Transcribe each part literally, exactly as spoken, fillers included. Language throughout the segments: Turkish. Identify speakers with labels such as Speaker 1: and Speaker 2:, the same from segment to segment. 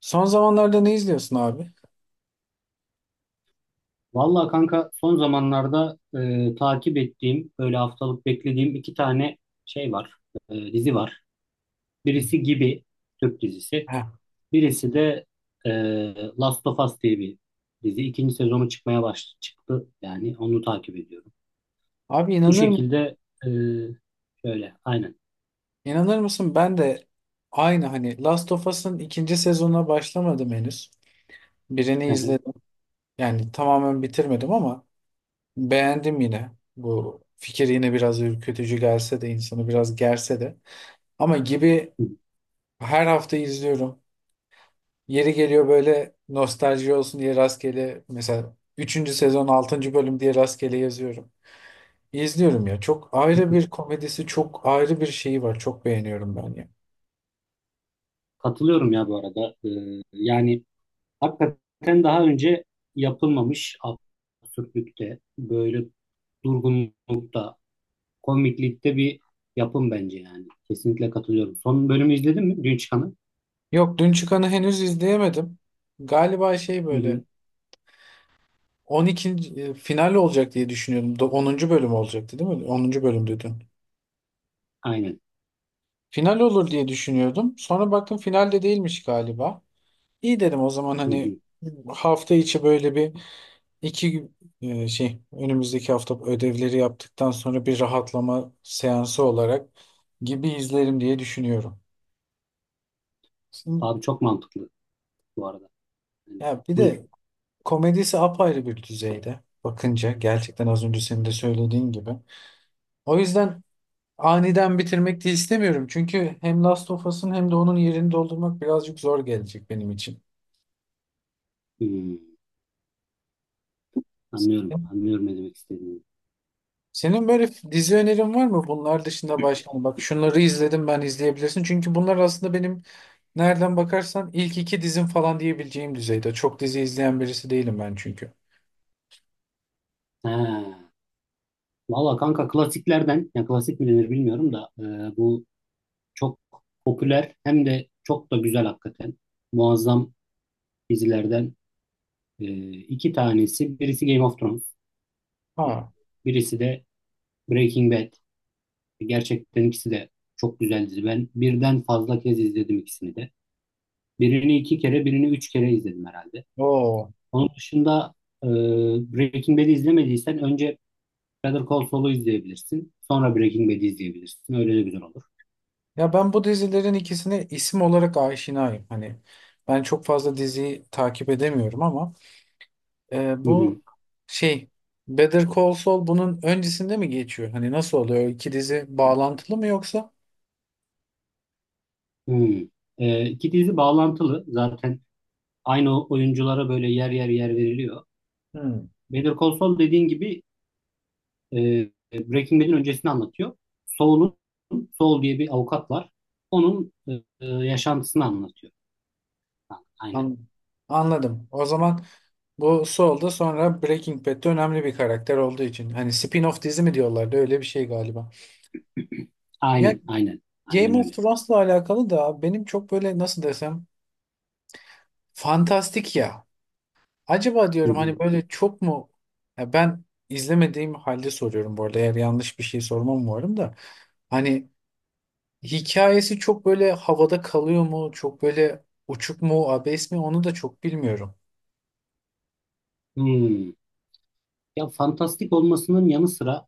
Speaker 1: Son zamanlarda ne izliyorsun abi?
Speaker 2: Vallahi kanka, son zamanlarda e, takip ettiğim böyle haftalık beklediğim iki tane şey var, e, dizi var.
Speaker 1: Hı.
Speaker 2: Birisi Gibi, Türk dizisi.
Speaker 1: Heh.
Speaker 2: Birisi de e, Last of Us diye bir dizi. İkinci sezonu çıkmaya baş çıktı yani onu takip ediyorum.
Speaker 1: Abi
Speaker 2: Bu
Speaker 1: inanır mı?
Speaker 2: şekilde, e, şöyle aynen.
Speaker 1: İnanır mısın? Ben de aynı hani Last of Us'ın ikinci sezonuna başlamadım henüz. Birini izledim. Yani tamamen bitirmedim ama beğendim yine. Bu fikir yine biraz ürkütücü gelse de insanı biraz gerse de. Ama gibi her hafta izliyorum. Yeri geliyor böyle nostalji olsun diye rastgele mesela üçüncü sezon altıncı bölüm diye rastgele yazıyorum. İzliyorum ya. Çok ayrı bir komedisi, çok ayrı bir şeyi var. Çok beğeniyorum ben ya.
Speaker 2: Katılıyorum ya bu arada. E, yani hakikaten daha önce yapılmamış absürtlükte, böyle durgunlukta, komiklikte bir yapım bence yani. Kesinlikle katılıyorum. Son bölümü izledin mi? Dün çıkanı.
Speaker 1: Yok, dün çıkanı henüz izleyemedim. Galiba şey
Speaker 2: Hı
Speaker 1: böyle
Speaker 2: hı.
Speaker 1: on ikinci e, final olacak diye düşünüyordum. Do- onuncu bölüm olacaktı değil mi? onuncu bölümdü dün.
Speaker 2: Aynen.
Speaker 1: Final olur diye düşünüyordum. Sonra baktım finalde değilmiş galiba. İyi dedim o zaman
Speaker 2: Hı
Speaker 1: hani
Speaker 2: hı.
Speaker 1: hafta içi böyle bir İki gün e, şey önümüzdeki hafta ödevleri yaptıktan sonra bir rahatlama seansı olarak gibi izlerim diye düşünüyorum. Şimdi,
Speaker 2: Abi çok mantıklı bu arada. Yani,
Speaker 1: ya bir
Speaker 2: buyur.
Speaker 1: de komedisi apayrı bir düzeyde bakınca gerçekten az önce senin de söylediğin gibi. O yüzden aniden bitirmek de istemiyorum. Çünkü hem Last of Us'ın hem de onun yerini doldurmak birazcık zor gelecek benim için.
Speaker 2: Hmm. Anlıyorum. Anlıyorum ne demek istediğini.
Speaker 1: Senin böyle dizi önerin var mı? Bunlar dışında başka hani bak şunları izledim ben izleyebilirsin. Çünkü bunlar aslında benim nereden bakarsan ilk iki dizim falan diyebileceğim düzeyde. Çok dizi izleyen birisi değilim ben çünkü.
Speaker 2: Ha. Valla kanka, klasiklerden, ya klasik mi denir bilmiyorum da, e, bu çok popüler, hem de çok da güzel hakikaten. Muazzam dizilerden e, iki tanesi. Birisi Game of Thrones. e,
Speaker 1: Ha,
Speaker 2: Birisi de Breaking Bad. Gerçekten ikisi de çok güzel dizi. Ben birden fazla kez izledim ikisini de. Birini iki kere, birini üç kere izledim herhalde.
Speaker 1: o.
Speaker 2: Onun dışında, e, Breaking Bad'i izlemediysen önce Better Call Saul'u izleyebilirsin. Sonra Breaking Bad'i izleyebilirsin. Öyle de güzel olur.
Speaker 1: Ya ben bu dizilerin ikisine isim olarak aşinayım. Hani ben çok fazla diziyi takip edemiyorum ama e,
Speaker 2: Hı hı.
Speaker 1: bu şey Better Call Saul bunun öncesinde mi geçiyor? Hani nasıl oluyor? O İki dizi bağlantılı mı yoksa?
Speaker 2: Hı. E, iki dizi bağlantılı. Zaten aynı oyunculara böyle yer yer yer veriliyor.
Speaker 1: Hmm,
Speaker 2: Better Call Saul, dediğin gibi, e, Breaking Bad'in öncesini anlatıyor. Saul'un Saul diye bir avukat var. Onun e, e, yaşantısını anlatıyor. Ha, aynen.
Speaker 1: an- anladım. O zaman bu Saul da sonra Breaking Bad'de önemli bir karakter olduğu için. Hani spin-off dizi mi diyorlardı öyle bir şey galiba. Ya
Speaker 2: Aynen, aynen. Aynen
Speaker 1: Game of
Speaker 2: öyle.
Speaker 1: Thrones'la alakalı da benim çok böyle nasıl desem fantastik ya. Acaba
Speaker 2: Hı
Speaker 1: diyorum
Speaker 2: hı.
Speaker 1: hani böyle çok mu ya ben izlemediğim halde soruyorum bu arada eğer yanlış bir şey sormam umarım da. Hani hikayesi çok böyle havada kalıyor mu? Çok böyle uçuk mu, abes mi? Onu da çok bilmiyorum.
Speaker 2: Hmm. Ya, fantastik olmasının yanı sıra,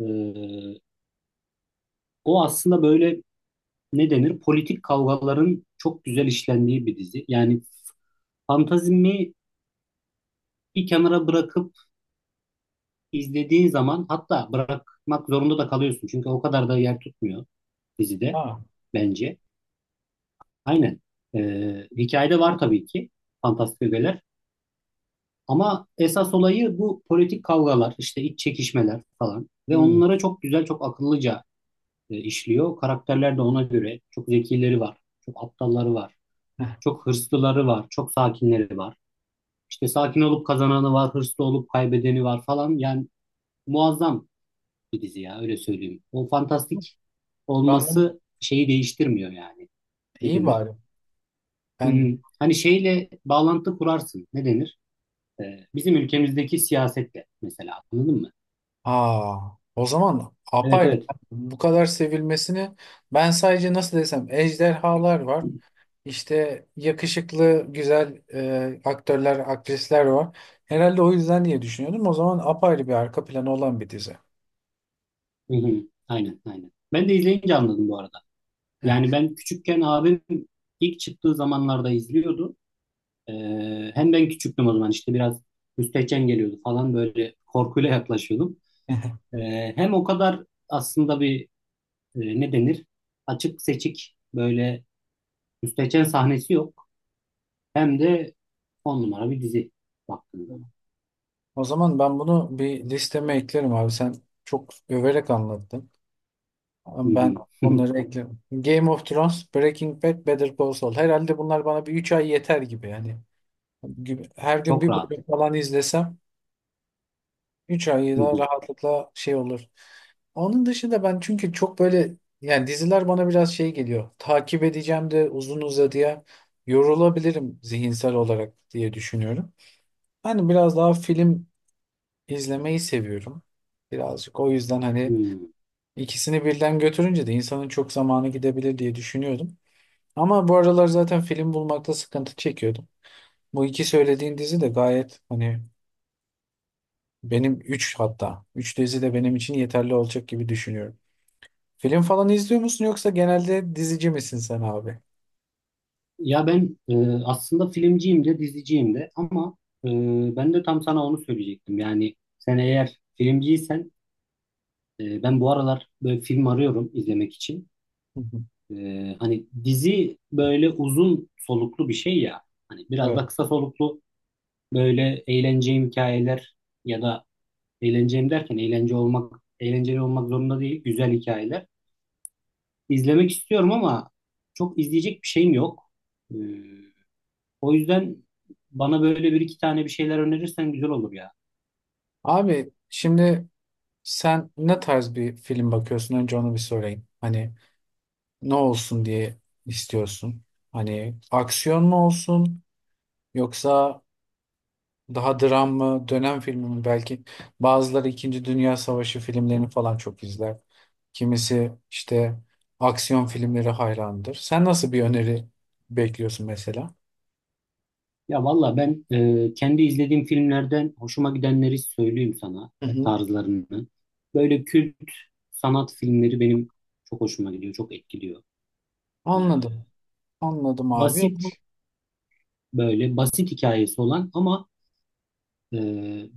Speaker 2: e, o aslında böyle, ne denir? Politik kavgaların çok güzel işlendiği bir dizi. Yani fantazimi bir kenara bırakıp izlediğin zaman, hatta bırakmak zorunda da kalıyorsun. Çünkü o kadar da yer tutmuyor dizide
Speaker 1: Ha.
Speaker 2: bence. Aynen. E, hikayede var tabii ki fantastik ögeler. Ama esas olayı bu politik kavgalar, işte iç çekişmeler falan. Ve
Speaker 1: Hmm.
Speaker 2: onlara çok güzel, çok akıllıca e, işliyor. Karakterler de ona göre çok zekileri var, çok aptalları var,
Speaker 1: Heh.
Speaker 2: çok hırslıları var, çok sakinleri var. İşte sakin olup kazananı var, hırslı olup kaybedeni var falan. Yani muazzam bir dizi ya, öyle söyleyeyim. O fantastik
Speaker 1: Ben bunu
Speaker 2: olması şeyi değiştirmiyor yani. Ne
Speaker 1: iyi
Speaker 2: denir?
Speaker 1: bari.
Speaker 2: Hı
Speaker 1: Ben.
Speaker 2: hı. Hani şeyle bağlantı kurarsın. Ne denir? Ee, bizim ülkemizdeki siyasetle mesela, anladın mı?
Speaker 1: Aa, o zaman
Speaker 2: Evet
Speaker 1: apayla
Speaker 2: evet.
Speaker 1: bu kadar sevilmesini ben sadece nasıl desem ejderhalar var. İşte yakışıklı güzel e, aktörler, aktrisler var. Herhalde o yüzden diye düşünüyordum. O zaman apayrı bir arka planı olan bir dizi.
Speaker 2: Hı hı. Aynen aynen. Ben de izleyince anladım bu arada. Yani ben küçükken abim ilk çıktığı zamanlarda izliyordu. Ee, hem ben küçüktüm o zaman, işte biraz müstehcen geliyordu falan, böyle korkuyla yaklaşıyordum. Ee, hem o kadar aslında bir e, ne denir, açık seçik böyle müstehcen sahnesi yok. Hem de on numara bir dizi baktığın zaman.
Speaker 1: O zaman ben bunu bir listeme eklerim abi. Sen çok överek anlattın.
Speaker 2: Hı
Speaker 1: Ama ben
Speaker 2: hı.
Speaker 1: onları eklerim. Game of Thrones, Breaking Bad, Better Call Saul. Herhalde bunlar bana bir üç ay yeter gibi yani. gibi- Her gün
Speaker 2: Çok
Speaker 1: bir
Speaker 2: rahat.
Speaker 1: bölüm falan izlesem üç ayı
Speaker 2: Hı
Speaker 1: da
Speaker 2: hı.
Speaker 1: rahatlıkla şey olur. Onun dışında ben çünkü çok böyle yani diziler bana biraz şey geliyor. Takip edeceğim de uzun uzadıya yorulabilirim zihinsel olarak diye düşünüyorum. Hani biraz daha film izlemeyi seviyorum. Birazcık o yüzden hani
Speaker 2: Hı.
Speaker 1: ikisini birden götürünce de insanın çok zamanı gidebilir diye düşünüyordum. Ama bu aralar zaten film bulmakta sıkıntı çekiyordum. Bu iki söylediğin dizi de gayet hani benim üç hatta. Üç dizi de benim için yeterli olacak gibi düşünüyorum. Film falan izliyor musun yoksa genelde dizici misin sen abi?
Speaker 2: Ya ben e, aslında filmciyim de, diziciyim de, ama e, ben de tam sana onu söyleyecektim. Yani sen eğer filmciysen, e, ben bu aralar böyle film arıyorum izlemek için.
Speaker 1: Hı hı.
Speaker 2: E, hani dizi böyle uzun soluklu bir şey ya. Hani biraz
Speaker 1: Evet.
Speaker 2: da kısa soluklu böyle eğleneceğim hikayeler, ya da eğleneceğim derken eğlence olmak eğlenceli olmak zorunda değil, güzel hikayeler izlemek istiyorum ama çok izleyecek bir şeyim yok. E, O yüzden bana böyle bir iki tane bir şeyler önerirsen güzel olur ya.
Speaker 1: Abi şimdi sen ne tarz bir film bakıyorsun? Önce onu bir sorayım. Hani ne olsun diye istiyorsun? Hani aksiyon mu olsun yoksa daha dram mı, dönem filmi mi belki. Bazıları İkinci Dünya Savaşı filmlerini falan çok izler. Kimisi işte aksiyon filmleri hayrandır. Sen nasıl bir öneri bekliyorsun mesela?
Speaker 2: Ya valla ben e, kendi izlediğim filmlerden hoşuma gidenleri söyleyeyim sana,
Speaker 1: Hı
Speaker 2: e,
Speaker 1: hı.
Speaker 2: tarzlarını. Böyle kült sanat filmleri benim çok hoşuma gidiyor, çok etkiliyor. E,
Speaker 1: Anladım. Anladım abi. Bu-
Speaker 2: basit Böyle basit hikayesi olan ama e,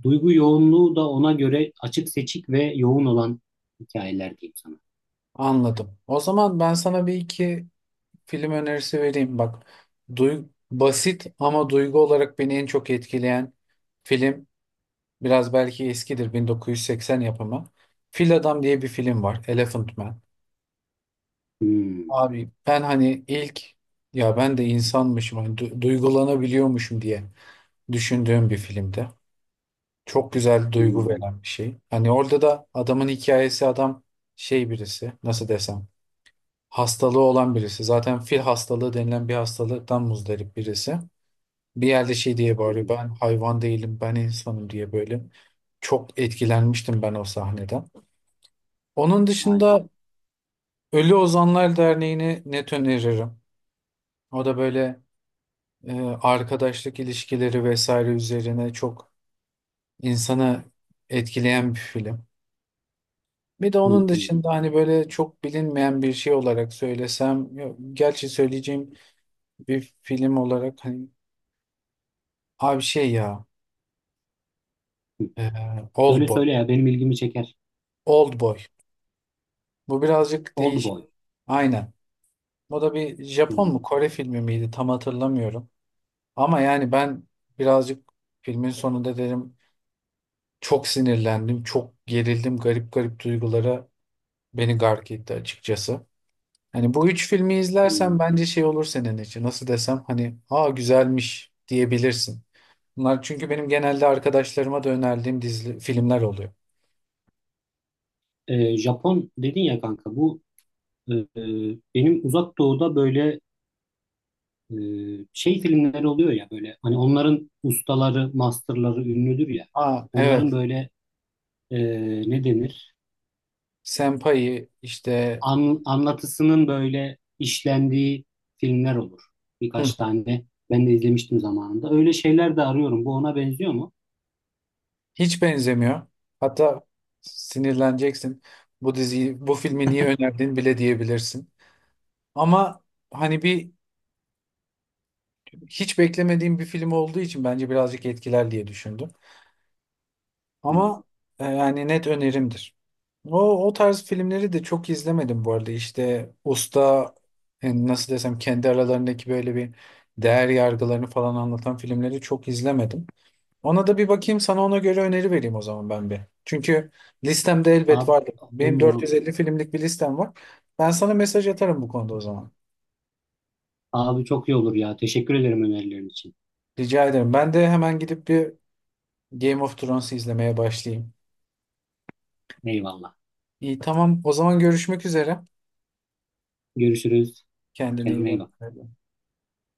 Speaker 2: duygu yoğunluğu da ona göre açık seçik ve yoğun olan hikayeler diyeyim sana.
Speaker 1: Anladım. O zaman ben sana bir iki film önerisi vereyim. Bak, duy- basit ama duygu olarak beni en çok etkileyen film biraz belki eskidir bin dokuz yüz seksen yapımı. Fil Adam diye bir film var. Elephant Man.
Speaker 2: Hmm,
Speaker 1: Abi ben hani ilk ya ben de insanmışım hani du- duygulanabiliyormuşum diye düşündüğüm bir filmde. Çok güzel duygu
Speaker 2: hmm,
Speaker 1: veren bir şey. Hani orada da adamın hikayesi adam şey birisi nasıl desem hastalığı olan birisi. Zaten fil hastalığı denilen bir hastalıktan muzdarip birisi. Bir yerde şey diye
Speaker 2: hı
Speaker 1: bağırıyor
Speaker 2: hı,
Speaker 1: ben hayvan değilim ben insanım diye böyle. Çok etkilenmiştim ben o sahneden. Onun
Speaker 2: vay be.
Speaker 1: dışında Ölü Ozanlar Derneği'ni net öneririm. O da böyle e, arkadaşlık ilişkileri vesaire üzerine çok insanı etkileyen bir film. Bir de
Speaker 2: Hı
Speaker 1: onun
Speaker 2: hı,
Speaker 1: dışında hani böyle çok bilinmeyen bir şey olarak söylesem, ya- gerçi söyleyeceğim bir film olarak hani abi şey ya
Speaker 2: hı.
Speaker 1: e,
Speaker 2: Söyle
Speaker 1: Oldboy.
Speaker 2: söyle ya, benim ilgimi çeker.
Speaker 1: Oldboy. Bu birazcık
Speaker 2: Old
Speaker 1: değişik.
Speaker 2: Boy.
Speaker 1: Aynen. O da bir Japon
Speaker 2: Hmm,
Speaker 1: mu Kore filmi miydi tam hatırlamıyorum. Ama yani ben birazcık filmin sonunda dedim çok sinirlendim, çok gerildim, garip garip duygulara beni gark etti açıkçası. Hani bu üç filmi
Speaker 2: hmm.
Speaker 1: izlersen bence şey olur senin için. Nasıl desem hani aa güzelmiş diyebilirsin. Bunlar çünkü benim genelde arkadaşlarıma da önerdiğim dizi filmler oluyor.
Speaker 2: Ee, Japon dedin ya kanka, bu e, e, benim Uzak Doğu'da böyle e, şey filmleri oluyor ya, böyle hani onların ustaları, masterları ünlüdür ya.
Speaker 1: Aa
Speaker 2: Onların
Speaker 1: evet.
Speaker 2: böyle, e, ne denir?
Speaker 1: Senpai işte
Speaker 2: An- anlatısının böyle işlendiği filmler olur.
Speaker 1: hı,
Speaker 2: Birkaç tane ben de izlemiştim zamanında. Öyle şeyler de arıyorum. Bu ona benziyor mu?
Speaker 1: hiç benzemiyor. Hatta sinirleneceksin. Bu diziyi, bu filmi niye önerdin bile diyebilirsin. Ama hani bir hiç beklemediğim bir film olduğu için bence birazcık etkiler diye düşündüm.
Speaker 2: Hmm.
Speaker 1: Ama e, yani net önerimdir. O, o tarz filmleri de çok izlemedim bu arada. İşte usta yani nasıl desem kendi aralarındaki böyle bir değer yargılarını falan anlatan filmleri çok izlemedim. Ona da bir bakayım sana ona göre öneri vereyim o zaman ben bir. Çünkü listemde elbet
Speaker 2: Abi
Speaker 1: vardı.
Speaker 2: on
Speaker 1: Benim
Speaker 2: numara olur.
Speaker 1: dört yüz elli filmlik bir listem var. Ben sana mesaj atarım bu konuda o zaman.
Speaker 2: Abi çok iyi olur ya. Teşekkür ederim önerilerin için.
Speaker 1: Rica ederim. Ben de hemen gidip bir Game of Thrones'u izlemeye başlayayım.
Speaker 2: Eyvallah.
Speaker 1: İyi tamam o zaman görüşmek üzere.
Speaker 2: Görüşürüz.
Speaker 1: Kendine iyi
Speaker 2: Kendine iyi
Speaker 1: bak.
Speaker 2: bak.